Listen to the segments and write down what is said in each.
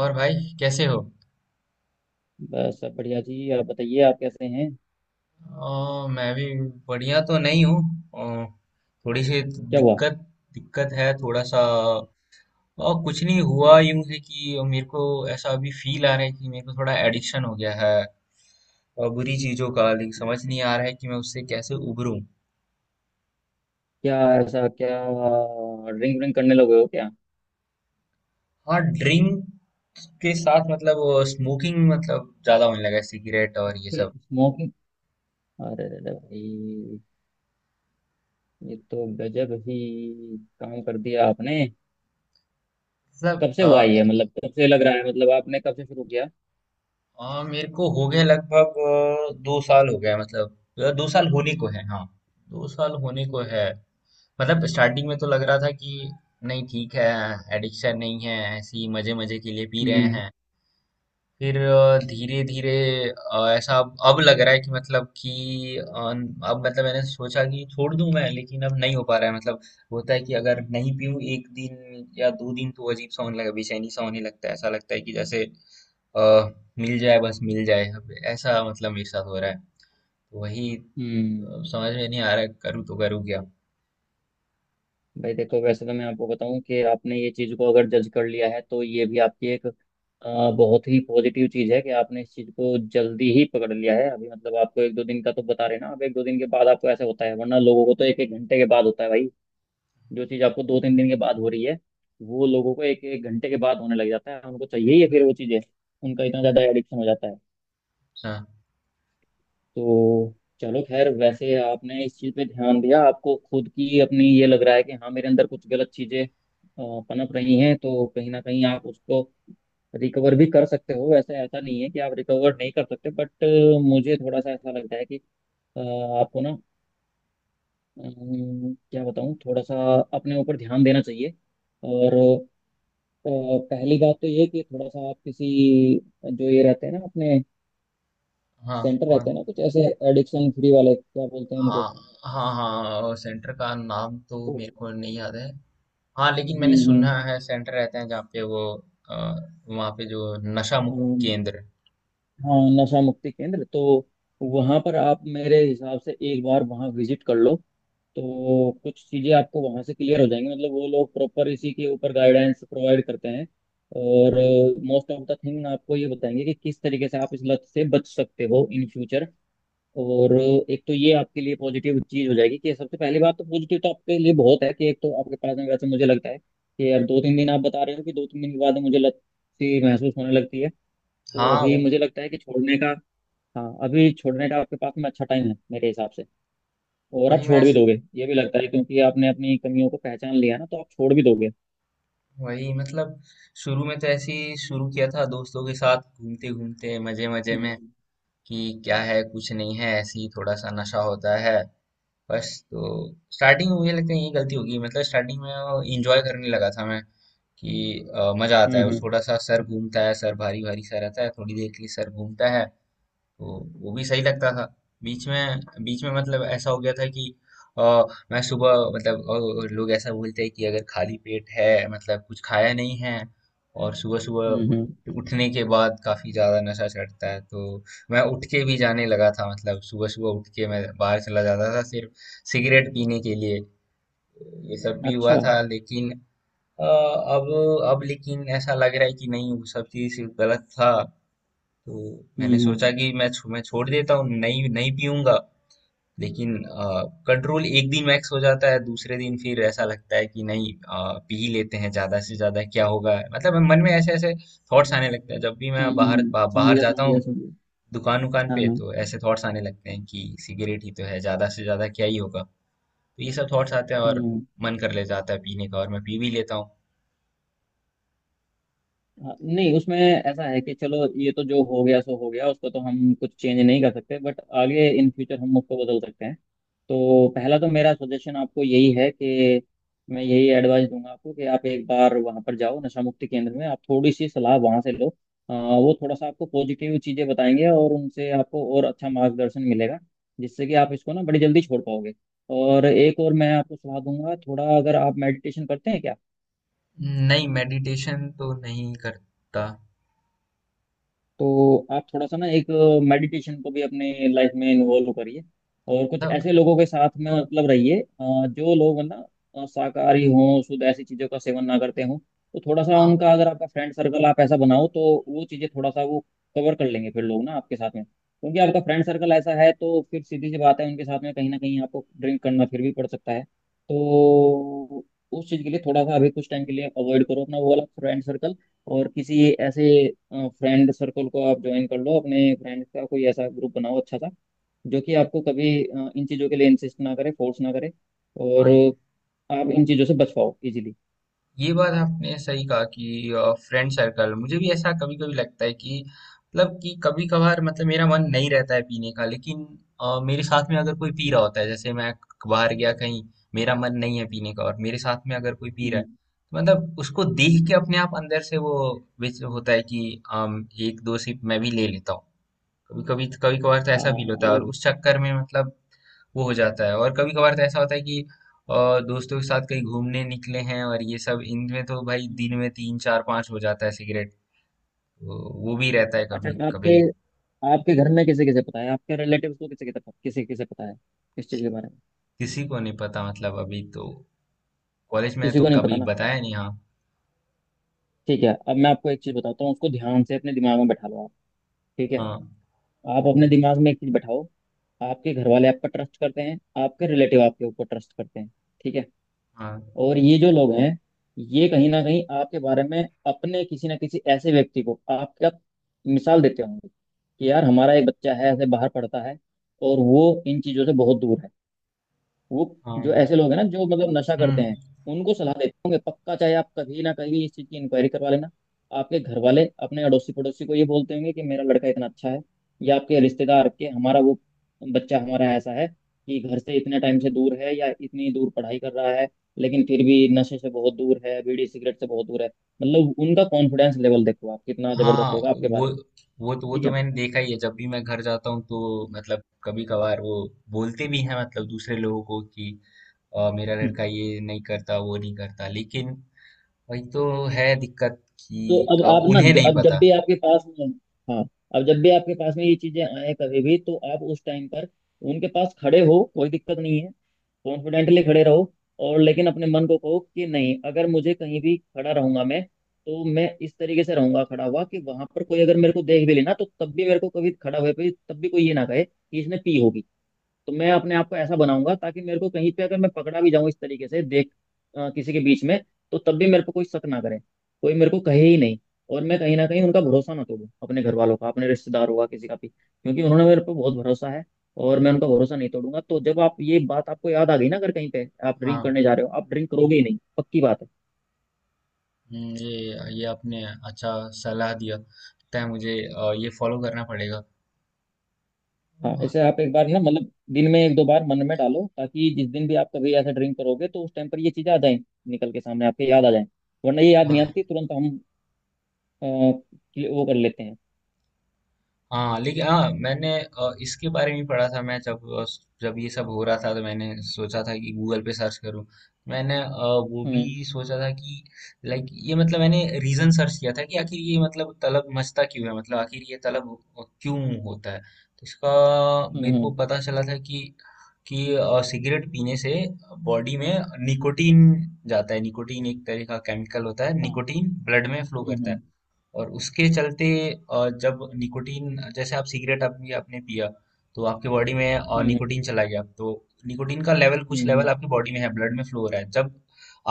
और भाई, कैसे हो। बस सब बढ़िया जी। आप बताइए, आप कैसे हैं? मैं भी बढ़िया तो नहीं हूँ। अ, थोड़ी सी क्या हुआ? दिक्कत दिक्कत है थोड़ा सा। और कुछ नहीं हुआ, यूं है कि मेरे को ऐसा अभी फील आ रहा है कि मेरे को थोड़ा एडिक्शन हो गया है, और बुरी चीजों का, लेकिन समझ नहीं आ रहा है कि मैं उससे कैसे उबरूं। क्या, ऐसा क्या? ड्रिंक व्रिंक करने लगे हो क्या? हाँ, ड्रिंक के साथ मतलब स्मोकिंग, मतलब ज्यादा होने लगा है सिगरेट और ये सब। स्मोकिंग? अरे रे रे भाई, ये तो गजब ही काम कर दिया आपने। कब से हुआ मतलब ये? मतलब कब से लग रहा है? मतलब आपने कब से शुरू किया? मेरे को हो गया लगभग 2 साल हो गया, मतलब दो साल होने को है, हाँ, 2 साल होने को है। मतलब स्टार्टिंग में तो लग रहा था कि नहीं, ठीक है, एडिक्शन नहीं है, ऐसे ही मजे मजे के लिए पी रहे हम्म, हैं। फिर धीरे धीरे ऐसा अब लग रहा है कि मतलब कि अ, अब मतलब मैंने सोचा कि छोड़ दूं मैं, लेकिन अब नहीं हो पा रहा है मतलब। होता है कि अगर नहीं पीऊं एक दिन या 2 दिन, तो अजीब सा होने लगा, बेचैनी सा होने लगता है, ऐसा लगता है कि जैसे अ, मिल जाए, बस मिल जाए, अब ऐसा मतलब मेरे साथ हो रहा है। तो वही हम्म। समझ में नहीं आ रहा है, करूँ तो करूँ क्या। भाई देखो, वैसे तो मैं आपको बताऊं कि आपने ये चीज़ को अगर जज कर लिया है तो ये भी आपकी एक बहुत ही पॉजिटिव चीज़ है कि आपने इस चीज़ को जल्दी ही पकड़ लिया है। अभी मतलब आपको एक दो दिन का तो बता रहे ना, अब एक दो दिन के बाद आपको ऐसा होता है, वरना लोगों को तो एक एक घंटे के बाद होता है भाई। जो चीज़ आपको दो तीन दिन के बाद हो रही है वो लोगों को एक एक घंटे के बाद होने लग जाता है, उनको चाहिए ही है फिर वो चीज़ें, उनका इतना ज़्यादा एडिक्शन हो जाता है। हाँ। तो चलो खैर, वैसे आपने इस चीज़ पे ध्यान दिया, आपको खुद की अपनी ये लग रहा है कि हाँ मेरे अंदर कुछ गलत चीज़ें पनप रही हैं, तो कहीं ना कहीं आप उसको रिकवर भी कर सकते हो। वैसे ऐसा नहीं है कि आप रिकवर नहीं कर सकते, बट मुझे थोड़ा सा ऐसा लगता है कि अ, आपको ना, क्या बताऊँ, थोड़ा सा अपने ऊपर ध्यान देना चाहिए, और अ, पहली बात तो ये कि थोड़ा सा आप किसी, जो ये रहते हैं ना अपने हाँ, सेंटर कौन। रहते हैं ना कुछ ऐसे, एडिक्शन फ्री वाले क्या बोलते हैं हाँ, उनको? हाँ, हाँ। सेंटर का नाम तो ओ, मेरे को नहीं याद है, हाँ, लेकिन मैंने हम्म सुना हम्म, है सेंटर रहते हैं जहाँ पे वो, अ, वहाँ पे जो नशा मुक्ति हाँ, केंद्र। हाँ नशा मुक्ति केंद्र, तो वहां पर आप मेरे हिसाब से एक बार वहां विजिट कर लो तो कुछ चीजें आपको वहां से क्लियर हो जाएंगी। मतलब वो लोग प्रॉपर इसी के ऊपर गाइडेंस प्रोवाइड करते हैं, और मोस्ट ऑफ द थिंग आपको ये बताएंगे कि किस तरीके से आप इस लत से बच सकते हो इन फ्यूचर, और एक तो ये आपके लिए पॉजिटिव चीज हो जाएगी। कि सबसे पहली बात तो पॉजिटिव तो आपके लिए बहुत है कि एक तो आपके पास में, वैसे मुझे लगता है कि यार दो तीन दिन आप बता रहे हो कि दो तीन दिन के बाद मुझे लत सी महसूस होने लगती है, तो हाँ, अभी वो, मुझे लगता है कि छोड़ने का, हाँ अभी छोड़ने का आपके पास में अच्छा टाइम है मेरे हिसाब से, और आप वही छोड़ मैं भी दोगे ये भी लगता है, क्योंकि आपने अपनी कमियों को पहचान लिया ना तो आप छोड़ भी दोगे। वही मतलब शुरू में तो ऐसे ही शुरू किया था दोस्तों के साथ घूमते घूमते मजे मजे में। हम्म, कि क्या है, कुछ नहीं है, ऐसे ही थोड़ा सा नशा होता है बस, तो स्टार्टिंग में मुझे लगता है यही गलती होगी, मतलब स्टार्टिंग में इंजॉय करने लगा था मैं। कि मजा आता हम्म, है, वो हम्म, थोड़ा सा सर घूमता है, सर भारी भारी सा रहता है, थोड़ी देर के लिए सर घूमता है। तो वो भी सही लगता था। बीच में बीच में मतलब ऐसा हो गया था कि आ, मैं सुबह मतलब लोग ऐसा बोलते हैं कि अगर खाली पेट है मतलब कुछ खाया नहीं है, और सुबह सुबह हम्म, उठने के बाद काफी ज्यादा नशा चढ़ता है, तो मैं उठ के भी जाने लगा था, मतलब सुबह सुबह उठ के मैं बाहर चला जाता था सिर्फ सिगरेट पीने के लिए। ये सब भी अच्छा, हुआ था, हम्म, लेकिन अ, अब अब लेकिन ऐसा लग रहा है कि नहीं, वो सब चीज गलत था। तो मैंने सोचा हम्म, कि मैं छोड़ देता हूँ, नहीं नहीं पीऊंगा। लेकिन कंट्रोल एक दिन मैक्स हो जाता है, दूसरे दिन फिर ऐसा लगता है कि नहीं, पी ही लेते हैं, ज्यादा से ज्यादा क्या होगा, मतलब मन में ऐसे ऐसे थॉट्स आने लगते हैं जब भी हम्म, मैं समझ बाहर गया जाता समझ गया हूँ, समझ गया, दुकान उकान हाँ पे, हाँ, तो ऐसे थॉट्स आने लगते हैं कि सिगरेट ही तो है, ज्यादा से ज्यादा क्या ही होगा। तो ये सब थॉट्स आते हैं और हम्म, मन कर ले जाता है पीने का, और मैं पी भी लेता हूँ। हाँ, नहीं उसमें ऐसा है कि चलो ये तो जो हो गया सो हो गया, उसको तो हम कुछ चेंज नहीं कर सकते, बट आगे इन फ्यूचर हम उसको बदल सकते हैं। तो पहला तो मेरा सजेशन आपको यही है कि मैं यही एडवाइस दूंगा आपको कि आप एक बार वहां पर जाओ नशा मुक्ति केंद्र में, आप थोड़ी सी सलाह वहां से लो। वो थोड़ा सा आपको पॉजिटिव चीजें बताएंगे और उनसे आपको और अच्छा मार्गदर्शन मिलेगा, जिससे कि आप इसको ना बड़ी जल्दी छोड़ पाओगे, और एक और मैं आपको सलाह दूंगा, थोड़ा अगर आप मेडिटेशन करते हैं नहीं, मेडिटेशन तो नहीं करता। तो आप थोड़ा सा ना एक मेडिटेशन को भी अपने लाइफ में इन्वॉल्व करिए, और कुछ मतलब। ऐसे लोगों के साथ में मतलब रहिए, जो लोग ना शाकाहारी हों, शुद्ध ऐसी चीज़ों का सेवन ना करते हों, तो थोड़ा सा हाँ, उनका, अगर आपका फ्रेंड सर्कल आप ऐसा बनाओ तो वो चीज़ें थोड़ा सा वो कवर कर लेंगे फिर, लोग ना आपके साथ में, क्योंकि आपका फ्रेंड सर्कल ऐसा है तो फिर सीधी सी बात है उनके साथ में कहीं ना कहीं आपको ड्रिंक करना फिर भी पड़ सकता है, तो उस चीज़ के लिए थोड़ा सा अभी कुछ टाइम के लिए अवॉइड करो अपना वो वाला फ्रेंड सर्कल, और किसी ऐसे फ्रेंड सर्कल को आप ज्वाइन कर लो, अपने फ्रेंड्स का कोई ऐसा ग्रुप बनाओ अच्छा सा जो कि आपको कभी इन चीज़ों के लिए इंसिस्ट ना करे, फोर्स ना करे, और हाँ। आप इन चीज़ों से बच पाओ इजीली। ये बात आपने सही कहा कि फ्रेंड सर्कल। मुझे भी ऐसा कभी कभी लगता है कि मतलब कि कभी कभार, मतलब मेरा मन नहीं रहता है पीने का, लेकिन मेरे साथ में अगर कोई पी रहा होता है, जैसे मैं बाहर गया कहीं, मेरा मन नहीं है पीने का, और मेरे साथ में अगर कोई पी रहा हम्म, है, तो मतलब उसको देख के अपने आप अंदर से वो विच होता है कि एक दो सिप मैं भी ले लेता हूँ। कभी कभी, कभी कभार तो हाँ ऐसा फील होता है, वो, और उस चक्कर में मतलब वो हो जाता है। और कभी कभार तो ऐसा होता है कि अ, दोस्तों के साथ कहीं घूमने निकले हैं और ये सब, इनमें तो भाई हम्म। दिन में तीन चार पांच हो जाता है सिगरेट। तो वो भी रहता है अच्छा, कभी कभी। आपके, आपके घर में किसे किसे पता है? आपके रिलेटिव्स को किसे किसे पता, किसे किसे पता है इस चीज़ के बारे में? किसी को नहीं पता मतलब, अभी तो कॉलेज में है किसी तो को नहीं पता कभी ना? बताया नहीं, हाँ। ठीक है, अब मैं आपको एक चीज़ बताता हूँ, उसको ध्यान से अपने दिमाग में बैठा लो आप, ठीक है? हाँ, आप अपने दिमाग में एक चीज बैठाओ, आपके घर वाले आप पर ट्रस्ट करते हैं, आपके रिलेटिव आपके ऊपर ट्रस्ट करते हैं, ठीक है? हाँ, और ये जो लोग हैं, ये कहीं ना कहीं आपके बारे में अपने किसी ना किसी ऐसे व्यक्ति को आपका मिसाल देते होंगे कि यार हमारा एक बच्चा है ऐसे बाहर पढ़ता है और वो इन चीजों से बहुत दूर है। वो हाँ, जो ऐसे लोग हैं ना जो मतलब नशा करते हम्म। हैं, उनको सलाह देते होंगे पक्का। चाहे आप कभी ना कभी इस चीज़ की इंक्वायरी करवा लेना, आपके घर वाले अपने अड़ोसी पड़ोसी को ये बोलते होंगे कि मेरा लड़का इतना अच्छा है, या आपके रिश्तेदार के हमारा वो बच्चा, हमारा ऐसा है कि घर से इतने टाइम से दूर है या इतनी दूर पढ़ाई कर रहा है लेकिन फिर भी नशे से बहुत दूर है, बीड़ी सिगरेट से बहुत दूर है। मतलब उनका कॉन्फिडेंस लेवल देखो आप, कितना हाँ, जबरदस्त होगा आपके बारे में। वो ठीक तो है। मैंने देखा ही है जब भी मैं घर जाता हूँ, तो मतलब कभी कभार वो बोलते भी हैं मतलब दूसरे लोगों को कि मेरा हम्म। लड़का ये नहीं करता, वो नहीं करता, लेकिन वही तो है दिक्कत तो कि अब अब आप ना उन्हें नहीं अब पता। जब भी आपके पास में, हाँ, अब जब भी आपके पास में ये चीजें आए कभी भी तो आप उस टाइम पर उनके पास खड़े हो, कोई दिक्कत नहीं है, कॉन्फिडेंटली खड़े रहो, और लेकिन अपने मन को कहो कि नहीं, अगर मुझे कहीं भी खड़ा रहूंगा मैं तो मैं इस तरीके से रहूंगा खड़ा हुआ कि वहां पर कोई अगर मेरे को देख भी लेना तो तब भी मेरे को कभी खड़ा हुए पे तब भी कोई ये ना कहे कि इसने पी होगी, तो मैं अपने आप को ऐसा बनाऊंगा ताकि मेरे को कहीं पे अगर मैं पकड़ा भी जाऊं इस तरीके से देख, किसी के बीच में, तो तब भी मेरे को कोई शक ना करे, कोई मेरे को कहे ही नहीं, और मैं कहीं ना कहीं उनका भरोसा ना तोड़ूं, अपने घर वालों का, अपने रिश्तेदारों का, किसी का भी, क्योंकि उन्होंने मेरे पर बहुत भरोसा है, और मैं उनका भरोसा नहीं तोड़ूंगा। तो जब आप ये बात आपको याद आ गई ना, अगर कहीं पे आप ड्रिंक हाँ। करने जा रहे हो, आप ड्रिंक करोगे ही नहीं, पक्की बात है। हम्म। ये आपने अच्छा सलाह दिया लगता है मुझे, ये फॉलो करना पड़ेगा। हाँ इसे आप एक बार ना मतलब दिन में एक दो बार मन में डालो, ताकि जिस दिन भी आप कभी ऐसा ड्रिंक करोगे तो उस टाइम पर ये चीजें आ जाए, निकल के सामने आपके याद आ जाए, वरना ये याद नहीं आती हाँ, तुरंत, हम वो कर लेते हैं। हाँ, लेकिन हाँ, मैंने इसके बारे में पढ़ा था। मैं जब ये सब हो रहा था तो मैंने सोचा था कि गूगल पे सर्च करूँ। मैंने वो हम्म, भी सोचा था कि लाइक, ये मतलब मैंने रीजन सर्च किया था कि आखिर ये मतलब तलब मचता क्यों है, मतलब आखिर ये तलब क्यों होता है, तो इसका हम्म, मेरे को पता चला था कि सिगरेट पीने से बॉडी में निकोटीन जाता है, निकोटीन एक तरह का केमिकल होता है, हाँ, निकोटीन ब्लड में फ्लो हम्म, करता है, हम्म, और उसके चलते जब निकोटीन, जैसे आप सिगरेट, आपने आपने पिया, तो आपके बॉडी में हम्म, निकोटीन चला गया, तो निकोटीन का लेवल, हम्म, कुछ लेवल आपकी बॉडी में है, ब्लड में फ्लो हो रहा है। जब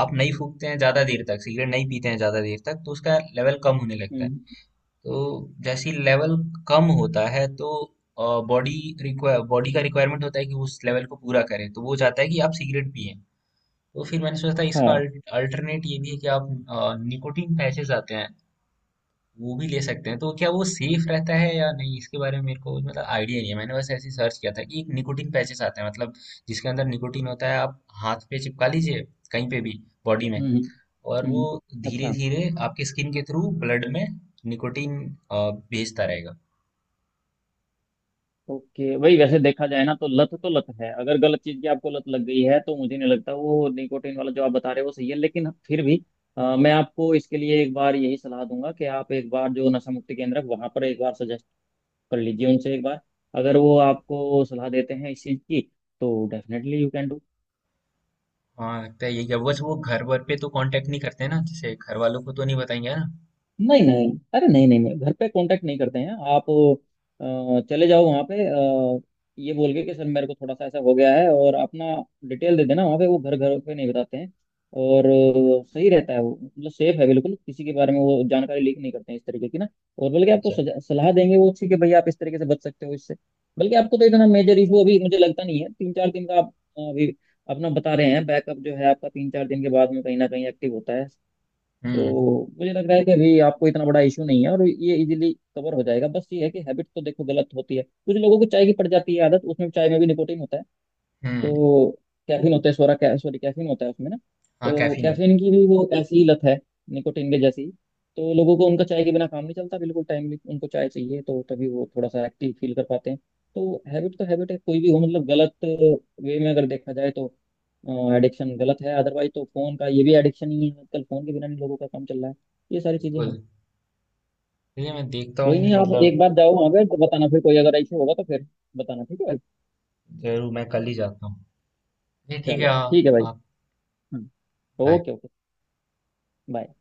आप नहीं फूकते हैं ज़्यादा देर तक, सिगरेट नहीं पीते हैं ज़्यादा देर तक, तो उसका लेवल कम होने लगता है। हम्म, तो जैसे ही लेवल कम होता है, तो बॉडी बॉडी का रिक्वायरमेंट होता है कि उस लेवल को पूरा करें, तो वो चाहता है कि आप सिगरेट पिए। तो फिर मैंने सोचा था हाँ, इसका अल्टरनेट ये भी है कि आप, निकोटीन पैचेस आते हैं, वो भी ले सकते हैं। तो क्या वो सेफ रहता है या नहीं, इसके बारे में मेरे को मतलब आइडिया नहीं है। मैंने बस ऐसे ही सर्च किया था कि एक निकोटिन पैचेस आते हैं, मतलब जिसके अंदर निकोटिन होता है, आप हाथ पे चिपका लीजिए कहीं पे भी बॉडी में, हम्म, हम्म, और वो हम्म, धीरे अच्छा, धीरे आपके स्किन के थ्रू ब्लड में निकोटिन भेजता रहेगा। ओके भाई। वैसे देखा जाए ना तो लत है, अगर गलत चीज की आपको लत लग गई है तो मुझे नहीं लगता वो निकोटीन वाला जो आप बता रहे हो वो सही है, लेकिन फिर भी मैं आपको इसके लिए एक बार यही सलाह दूंगा कि आप एक बार जो नशा मुक्ति केंद्र है वहां पर एक बार सजेस्ट कर लीजिए उनसे, एक बार अगर वो आपको सलाह देते हैं इस चीज की तो डेफिनेटली यू कैन डू। हाँ, तो ये क्या, बस वो घर वर पे तो कांटेक्ट नहीं करते ना, जैसे घर वालों को तो नहीं बताएंगे, है ना। नहीं नहीं, अरे नहीं नहीं नहीं, घर पे कांटेक्ट नहीं करते हैं आप, चले जाओ वहाँ पे, ये बोल के कि सर मेरे को थोड़ा सा ऐसा हो गया है, और अपना डिटेल दे देना वहाँ पे, वो घर घर पे नहीं बताते हैं, और सही रहता है वो, मतलब सेफ है बिल्कुल, किसी के बारे में वो जानकारी लीक नहीं करते हैं इस तरीके की ना, और बल्कि आपको अच्छा। सलाह देंगे वो अच्छी कि भाई आप इस तरीके से बच सकते हो इससे। बल्कि आपको तो इतना मेजर इशू अभी मुझे लगता नहीं है, तीन चार दिन का आप अभी अपना बता रहे हैं, बैकअप जो है आपका तीन चार दिन के बाद में कहीं ना कहीं एक्टिव होता है, हम्म, तो मुझे लग रहा है कि अभी आपको इतना बड़ा इशू नहीं है और ये इजीली कवर हो जाएगा। बस ये है कि हैबिट तो देखो गलत होती है, कुछ लोगों को चाय की पड़ जाती है आदत, उसमें चाय में भी निकोटिन होता है, हम्म। तो कैफीन होता है, सॉरी कैफीन होता है उसमें ना, हाँ, तो कैफीन होता कैफीन की भी वो ऐसी ही लत है निकोटीन के जैसी ही। तो लोगों को उनका चाय के बिना काम नहीं चलता, बिल्कुल टाइमली उनको चाय चाहिए तो तभी वो थोड़ा सा एक्टिव फील कर पाते हैं, तो हैबिट है कोई भी हो, मतलब गलत वे में अगर देखा जाए तो एडिक्शन गलत है, अदरवाइज तो फोन का ये भी एडिक्शन ही है, आजकल फोन के बिना नहीं लोगों का काम चल रहा है, ये है। सारी चीजें बिल्कुल हैं। ठीक है, मैं देखता कोई हूँ नहीं, आप मतलब। एक बार जाओ वहाँ पे तो बताना, फिर कोई अगर ऐसे होगा तो फिर बताना, ठीक है? जरूर, मैं कल ही जाता हूँ, ये ठीक है, चलो हाँ, ठीक है भाई। हाँ। हम्म, Bye। Okay okay, bye.